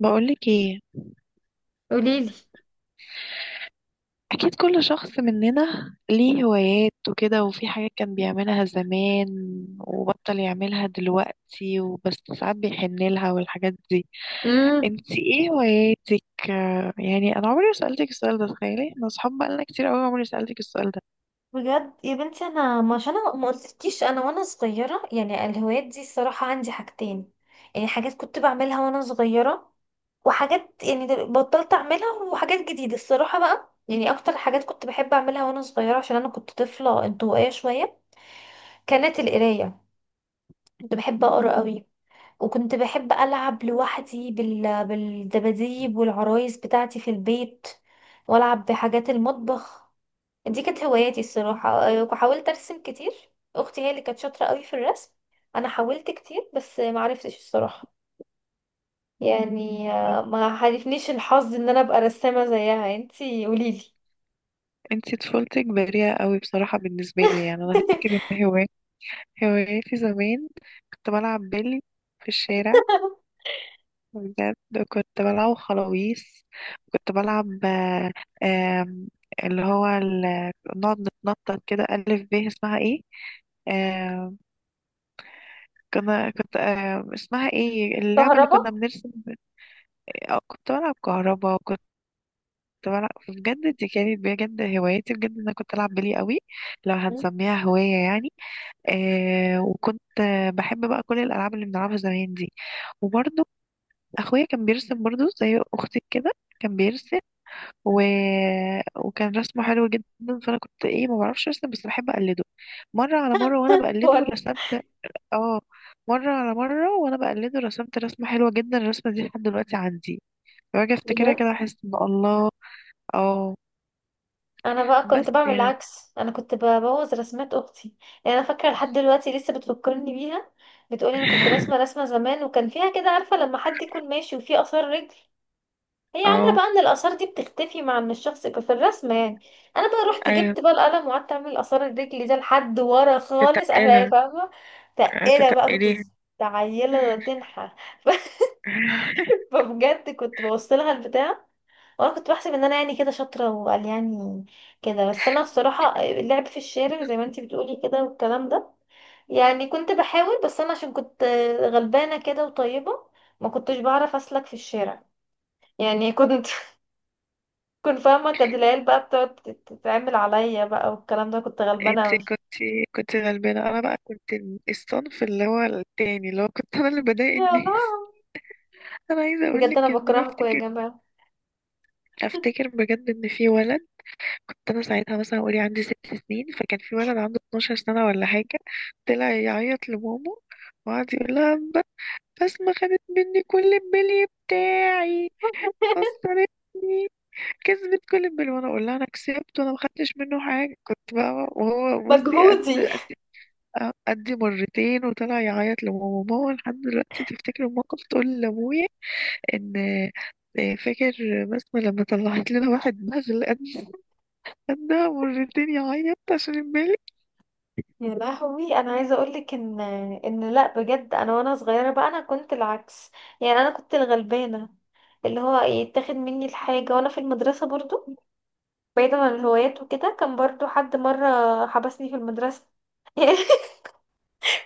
بقولك ايه، قوليلي. اكيد كل شخص مننا ليه هوايات وكده، وفي حاجات كان بيعملها زمان وبطل يعملها دلوقتي، وبس ساعات بيحن لها والحاجات دي. امم انتي ايه هواياتك؟ يعني انا عمري ما سألتك السؤال ده. تخيلي، انا اصحاب بقالنا كتير قوي، عمري ما سألتك السؤال ده. بجد يا بنتي، انا ما عشان انا ما قلتلكيش انا وانا صغيره، يعني الهوايات دي الصراحه عندي حاجتين. يعني حاجات كنت بعملها وانا صغيره، وحاجات يعني بطلت اعملها، وحاجات جديده. الصراحه بقى يعني اكتر حاجات كنت بحب اعملها وانا صغيره عشان انا كنت طفله انطوائيه شويه، كانت القرايه. كنت بحب اقرا قوي، وكنت بحب العب لوحدي بالدباديب والعرايس بتاعتي في البيت، والعب بحاجات المطبخ. دي كانت هواياتي الصراحة. وحاولت أرسم كتير. أختي هي اللي كانت شاطرة قوي في الرسم. أنا حاولت كتير بس ما عرفتش الصراحة. يعني ما حالفنيش الحظ إن أنا أبقى رسامة زيها. انتي قوليلي. انتي طفولتك بريئة قوي بصراحة، بالنسبة لي يعني انا افتكر ان هواياتي زمان كنت بلعب بيلي في الشارع، بجد. كنت بلعب خلاويص، كنت بلعب آه، آم، اللي هو نقعد نتنطط كده ألف ب، اسمها ايه؟ آه، كنت اسمها ايه اللعبة اللي كهربا. كنا بنرسم؟ كنت بلعب كهربا، وكنت بلعب بجد، دي كانت بجد هوايتي بجد، انا كنت العب بلي قوي لو مم. هنسميها هواية يعني. وكنت بحب بقى كل الالعاب اللي بنلعبها زمان دي. وبرضه اخويا كان بيرسم برضه زي اختي كده، كان بيرسم و... وكان رسمه حلو جدا. فانا كنت ايه، ما بعرفش ارسم بس بحب اقلده مره على مره، وانا بقلده وأنا رسمت. اه، مره على مره وانا بقلده رسمت رسمه حلوه جدا، الرسمه دي لحد دلوقتي عندي. باجي افتكرها بجد كده احس ان الله. اه، أنا بقى كنت بس بعمل يعني العكس، أنا كنت ببوظ رسمات أختي. يعني أنا فاكرة لحد دلوقتي لسه بتفكرني بيها. بتقولي أنا كنت راسمة رسمة زمان، وكان فيها كده، عارفة لما حد يكون ماشي وفيه آثار رجل، هي عاملة اه. بقى ان الآثار دي بتختفي مع ان الشخص يبقى في الرسمة يعني. انا بقى رحت ايوه، جبت بقى القلم وقعدت اعمل آثار الرجل ده لحد ورا خالص اهلاقي، تتقلها، فاهمة؟ تقيلة بقى. تتقليها. عيلة تنحى ف- فبجد كنت بوصلها البتاع. وانا كنت بحسب ان انا يعني كده شاطرة وقال، يعني كده. بس انا بصراحة اللعب في الشارع زي ما انتي بتقولي كده والكلام ده، يعني كنت بحاول بس انا عشان كنت غلبانة كده وطيبة، ما كنتش بعرف اسلك في الشارع. يعني كنت فاهمة، كانت العيال بقى بتقعد تتعمل عليا بقى والكلام ده. كنت غلبانة انت اوي. كنت غلبانه، انا بقى كنت الصنف اللي هو التاني، اللي هو كنت انا اللي بضايق يا الناس. لهوي، انا عايزه اقول بجد انا لك ان انا بكرهكم يا افتكر جماعة. افتكر بجد ان في ولد. كنت انا ساعتها مثلا، قولي عندي 6 سنين، فكان في ولد عنده 12 سنة ولا حاجة. طلع يعيط لماما وقعد يقول لها، بسمة خدت مني كل البلي بتاعي، خسرتني، كسبت كل البلي. وانا اقول لها انا كسبت وانا ما خدتش منه حاجة. كنت بقى وهو بصي قد مجهودي. قد قد مرتين، وطلع يعيط لماما. ماما لحد دلوقتي تفتكر الموقف تقول لابويا ان فاكر بسمة لما طلعت لنا واحد بغل، خدها مرتين يعيط عشان البالي. يا لهوي، انا عايزه اقولك ان لا بجد، انا وانا صغيره بقى انا كنت العكس. يعني انا كنت الغلبانه، اللي هو يتاخد مني الحاجه. وانا في المدرسه برضو، بعيدا عن الهوايات وكده، كان برضو حد مره حبسني في المدرسه.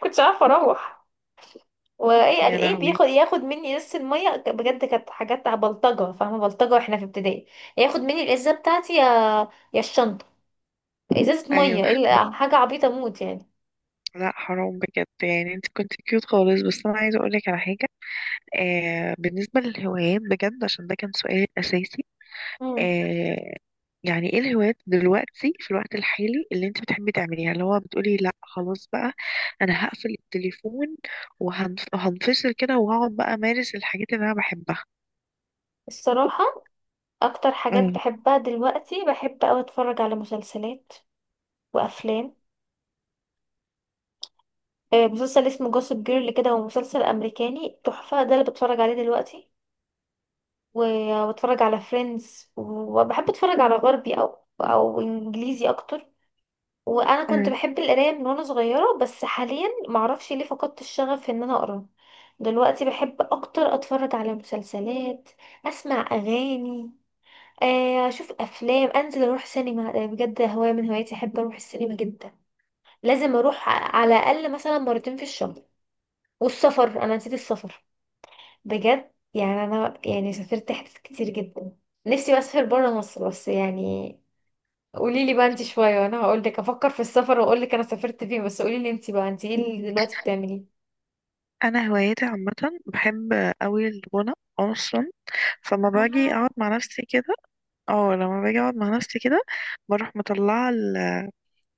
كنتش عارفه اروح. وايه قال يا ايه، لهوي. بياخد مني ازازه الميه، بجد كانت حاجات بلطجه، فاهمه؟ بلطجه واحنا في ابتدائي. ياخد مني الازازه بتاعتي يا الشنطه. ازازه ايوه، ميه، بس حاجه عبيطه موت يعني. لا حرام بجد، يعني انت كنت كيوت خالص. بس انا عايزه اقول لك على حاجه. آه، بالنسبه للهوايات بجد، عشان ده كان سؤال اساسي. مم. آه، يعني ايه الهوايات دلوقتي في الوقت الحالي اللي انت بتحبي تعمليها، اللي هو بتقولي لا خلاص بقى، انا هقفل التليفون وهنفصل كده، وهقعد بقى امارس الحاجات اللي انا بحبها. الصراحه اكتر حاجات مم. بحبها دلوقتي، بحب اوي اتفرج على مسلسلات وافلام. مسلسل اسمه جوسب جيرل كده، هو مسلسل امريكاني تحفه، ده اللي بتفرج عليه دلوقتي. وبتفرج على فريندز، وبحب اتفرج على غربي او انجليزي اكتر. وانا كنت أمم. بحب القرايه من وانا صغيره، بس حاليا معرفش ليه فقدت الشغف ان انا اقرا. دلوقتي بحب اكتر اتفرج على مسلسلات، اسمع اغاني، اشوف افلام، انزل اروح سينما. ده بجد هوايه من هواياتي، احب اروح السينما جدا. لازم اروح على الاقل مثلا مرتين في الشهر. والسفر، انا نسيت السفر. بجد يعني انا يعني سافرت حتت كتير جدا. نفسي بسافر بره مصر، بس يعني قولي لي بقى انت شويه وانا هقول لك. افكر في السفر واقول لك انا سافرت فين، بس قولي لي انت بقى، انت ايه اللي دلوقتي بتعمليه. انا هواياتي عامه، بحب قوي الغنى اصلا. فلما باجي اقعد آه. مع نفسي كده، اه لما باجي اقعد مع نفسي كده بروح مطلعه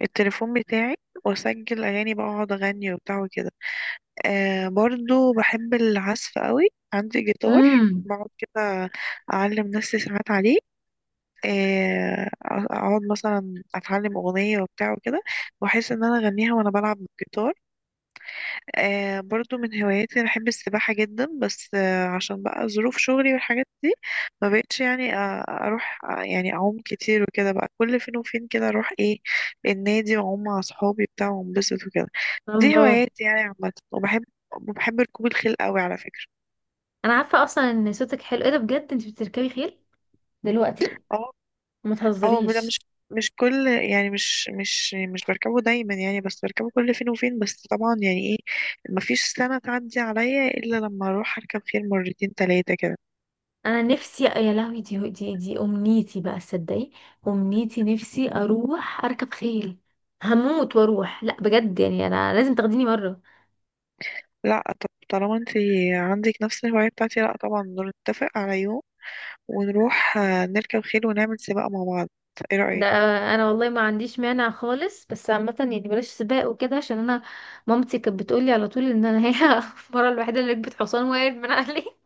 التليفون بتاعي، واسجل اغاني، بقى اقعد اغني وبتاع وكده. آه، برضو بحب العزف قوي. عندي جيتار امم. بقعد كده اعلم نفسي ساعات عليه. آه، اقعد مثلا اتعلم اغنيه وبتاع وكده، واحس ان انا اغنيها وانا بلعب بالجيتار. آه، برضو من هواياتي أنا بحب السباحة جدا. بس عشان بقى ظروف شغلي والحاجات دي، ما بقتش يعني أروح يعني أعوم كتير وكده. بقى كل فين وفين كده أروح إيه، النادي، وأعوم مع صحابي بتاع وأنبسط وكده. دي الله. هواياتي يعني عامة، وبحب ركوب الخيل قوي على فكرة. انا عارفه اصلا ان صوتك حلو، ايه ده بجد انت بتركبي خيل دلوقتي؟ اه. ما اه، ده مش تهزريش. مش كل يعني، مش بركبه دايما يعني، بس بركبه كل فين وفين. بس طبعا يعني ايه، مفيش سنة تعدي عليا إلا لما أروح أركب خيل مرتين تلاتة كده. انا نفسي، يا لهوي، دي امنيتي بقى، تصدقي؟ امنيتي نفسي اروح اركب خيل. هموت واروح، لا بجد يعني انا لازم تاخديني مره. لا، طب طالما انت عندك نفس الهواية بتاعتي، لا طبعا، نتفق على يوم ونروح نركب خيل ونعمل سباق مع بعض. ايه ده رأيك؟ انا والله ما عنديش مانع خالص، بس عامه يعني بلاش سباق وكده، عشان انا مامتي كانت بتقولي على طول ان انا هي المره الوحيده اللي ركبت حصان وقعت من عليه.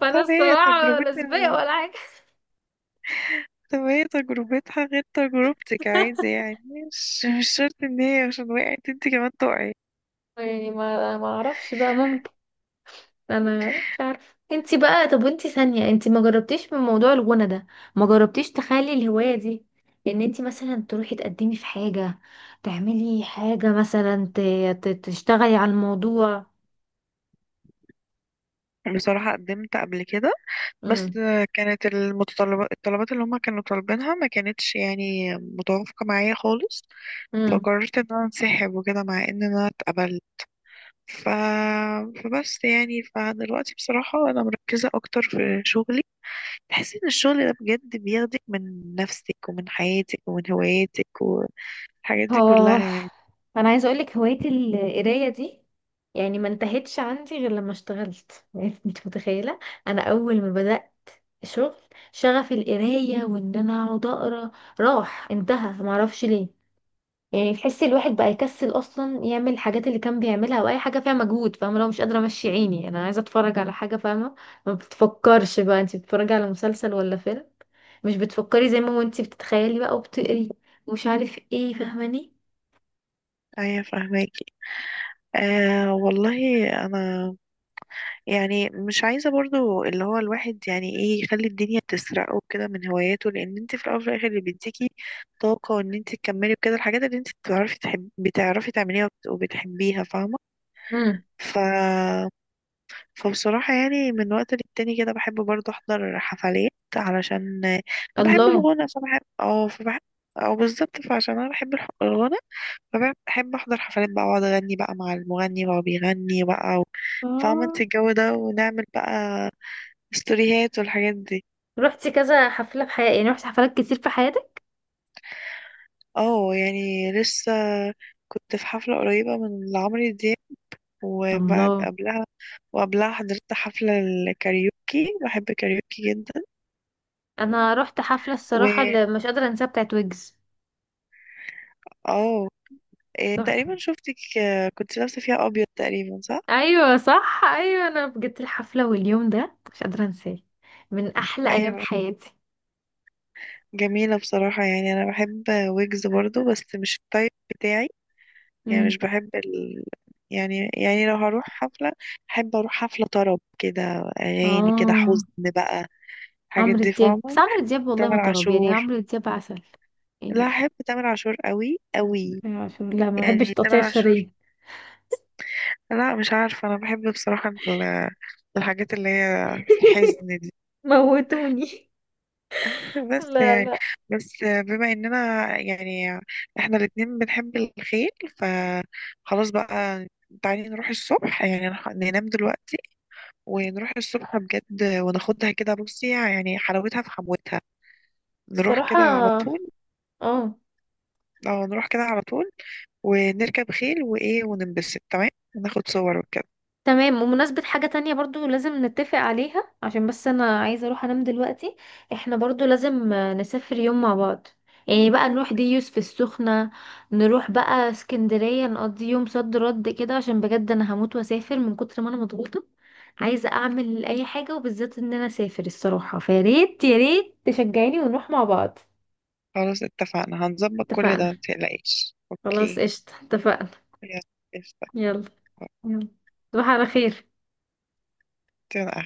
فانا طب هي الصراحه لا سباق تجربتنا ولا حاجه. طب هي تجربتها غير تجربتك عادي يعني، مش شرط ان هي عشان وقعت انت كمان تقعي. يعني ما اعرفش بقى، ممكن. انا مش عارفه. انتي بقى، طب وانتي ثانيه انتي ما جربتيش من موضوع الغنى ده؟ ما جربتيش تخلي الهوايه دي، ان انتي مثلا تروحي تقدمي في حاجه، تعملي حاجه مثلا تشتغلي على الموضوع. بصراحة قدمت قبل كده، بس كانت الطلبات اللي هما كانوا طالبينها ما كانتش يعني متوافقة معايا خالص. امم. فقررت ان انا انسحب وكده مع ان انا اتقبلت. ف... فبس يعني، فدلوقتي بصراحة أنا مركزة أكتر في شغلي. تحس إن الشغل ده بجد بياخدك من نفسك ومن حياتك ومن هواياتك والحاجات دي كلها اه، يعني. انا عايزه اقول لك، هوايه القرايه دي يعني ما انتهتش عندي غير لما اشتغلت. يعني انت متخيله، انا اول ما بدات شغل، شغف القرايه وان انا اقعد اقرا راح انتهى. ما اعرفش ليه. يعني تحسي الواحد بقى يكسل اصلا يعمل الحاجات اللي كان بيعملها او اي حاجه فيها مجهود، فاهمه؟ لو مش قادره امشي عيني، يعني انا عايزه اتفرج على حاجه، فاهمه؟ ما بتفكرش بقى انت بتتفرجي على مسلسل ولا فيلم، مش بتفكري زي ما هو انت بتتخيلي بقى وبتقري ومش عارف ايه، فاهماني؟ أيوة فاهماكي. آه، والله أنا يعني مش عايزة برضو اللي هو الواحد يعني إيه، يخلي الدنيا تسرقه كده من هواياته. لأن أنت في الأول وفي الآخر اللي بيديكي طاقة وإن أنت تكملي وكده الحاجات اللي أنت بتعرفي بتعرفي تعمليها وبتحبيها، فاهمة. ف فبصراحة يعني من وقت للتاني كده بحب برضه أحضر حفلات علشان أنا بحب الله. الغنى. فبحب أو بالظبط، فعشان أنا بحب الغنى، فبحب أحضر حفلات بقى وأقعد أغني بقى مع المغني وهو بيغني بقى. فاهمة اه. انت الجو ده، ونعمل بقى ستوريهات والحاجات دي. رحتي كذا حفلة في حياتك؟ يعني رحتي حفلات كتير في حياتك؟ اه، يعني لسه كنت في حفلة قريبة من لعمرو دياب. وبعد الله. قبلها وقبلها حضرت حفلة الكاريوكي، بحب الكاريوكي جدا. انا رحت حفلة الصراحة و اللي مش قادرة انساها، بتاعت ويجز. اه، إيه تحفة. تقريبا شفتك، كنت لابسة فيها أبيض تقريبا، صح؟ ايوه صح، ايوه انا بجد الحفلة واليوم ده مش قادرة انساه، من احلى ايام أيوة، حياتي. جميلة بصراحة. يعني أنا بحب ويجز برضو، بس مش التايب بتاعي. يعني امم. مش بحب يعني لو هروح حفلة، أحب أروح حفلة طرب كده، أغاني كده اه. حزن بقى، الحاجات عمرو دي، دياب، بس فاهمة، عمرو بحب دياب والله ما تامر طرب، يعني عاشور. عمرو دياب عسل لا، يعني. أحب تامر عاشور قوي قوي، عشان لا، ما بحبش يعني تقطيع تامر عاشور. الشرايين. لا مش عارفة، أنا بحب بصراحة الحاجات اللي هي الحزن. موتوني. بس لا يعني، لا. بس بما اننا يعني احنا الاتنين بنحب الخيل، فخلاص بقى، تعالي نروح الصبح، يعني ننام دلوقتي ونروح الصبح بجد وناخدها كده، بصي يعني حلاوتها في حموتها. نروح كده الصراحة. على طول، اه. اه نروح كده على طول ونركب خيل وايه، وننبسط تمام، وناخد صور وكده. تمام، ومناسبة حاجة تانية برضو لازم نتفق عليها، عشان بس أنا عايزة أروح أنام دلوقتي. احنا برضو لازم نسافر يوم مع بعض. يعني بقى نروح ديوس في السخنة، نروح بقى اسكندرية، نقضي يوم صد رد كده، عشان بجد أنا هموت وأسافر من كتر ما أنا مضغوطة. عايزة أعمل أي حاجة، وبالذات إن أنا أسافر الصراحة، فياريت ياريت تشجعيني ونروح مع بعض. خلاص اتفقنا، هنظبط كل اتفقنا. ده متقلقيش، خلاص اوكي. قشطة، اتفقنا. يلا، قشطة. يلا. يلا. تصبح على خير. يلا.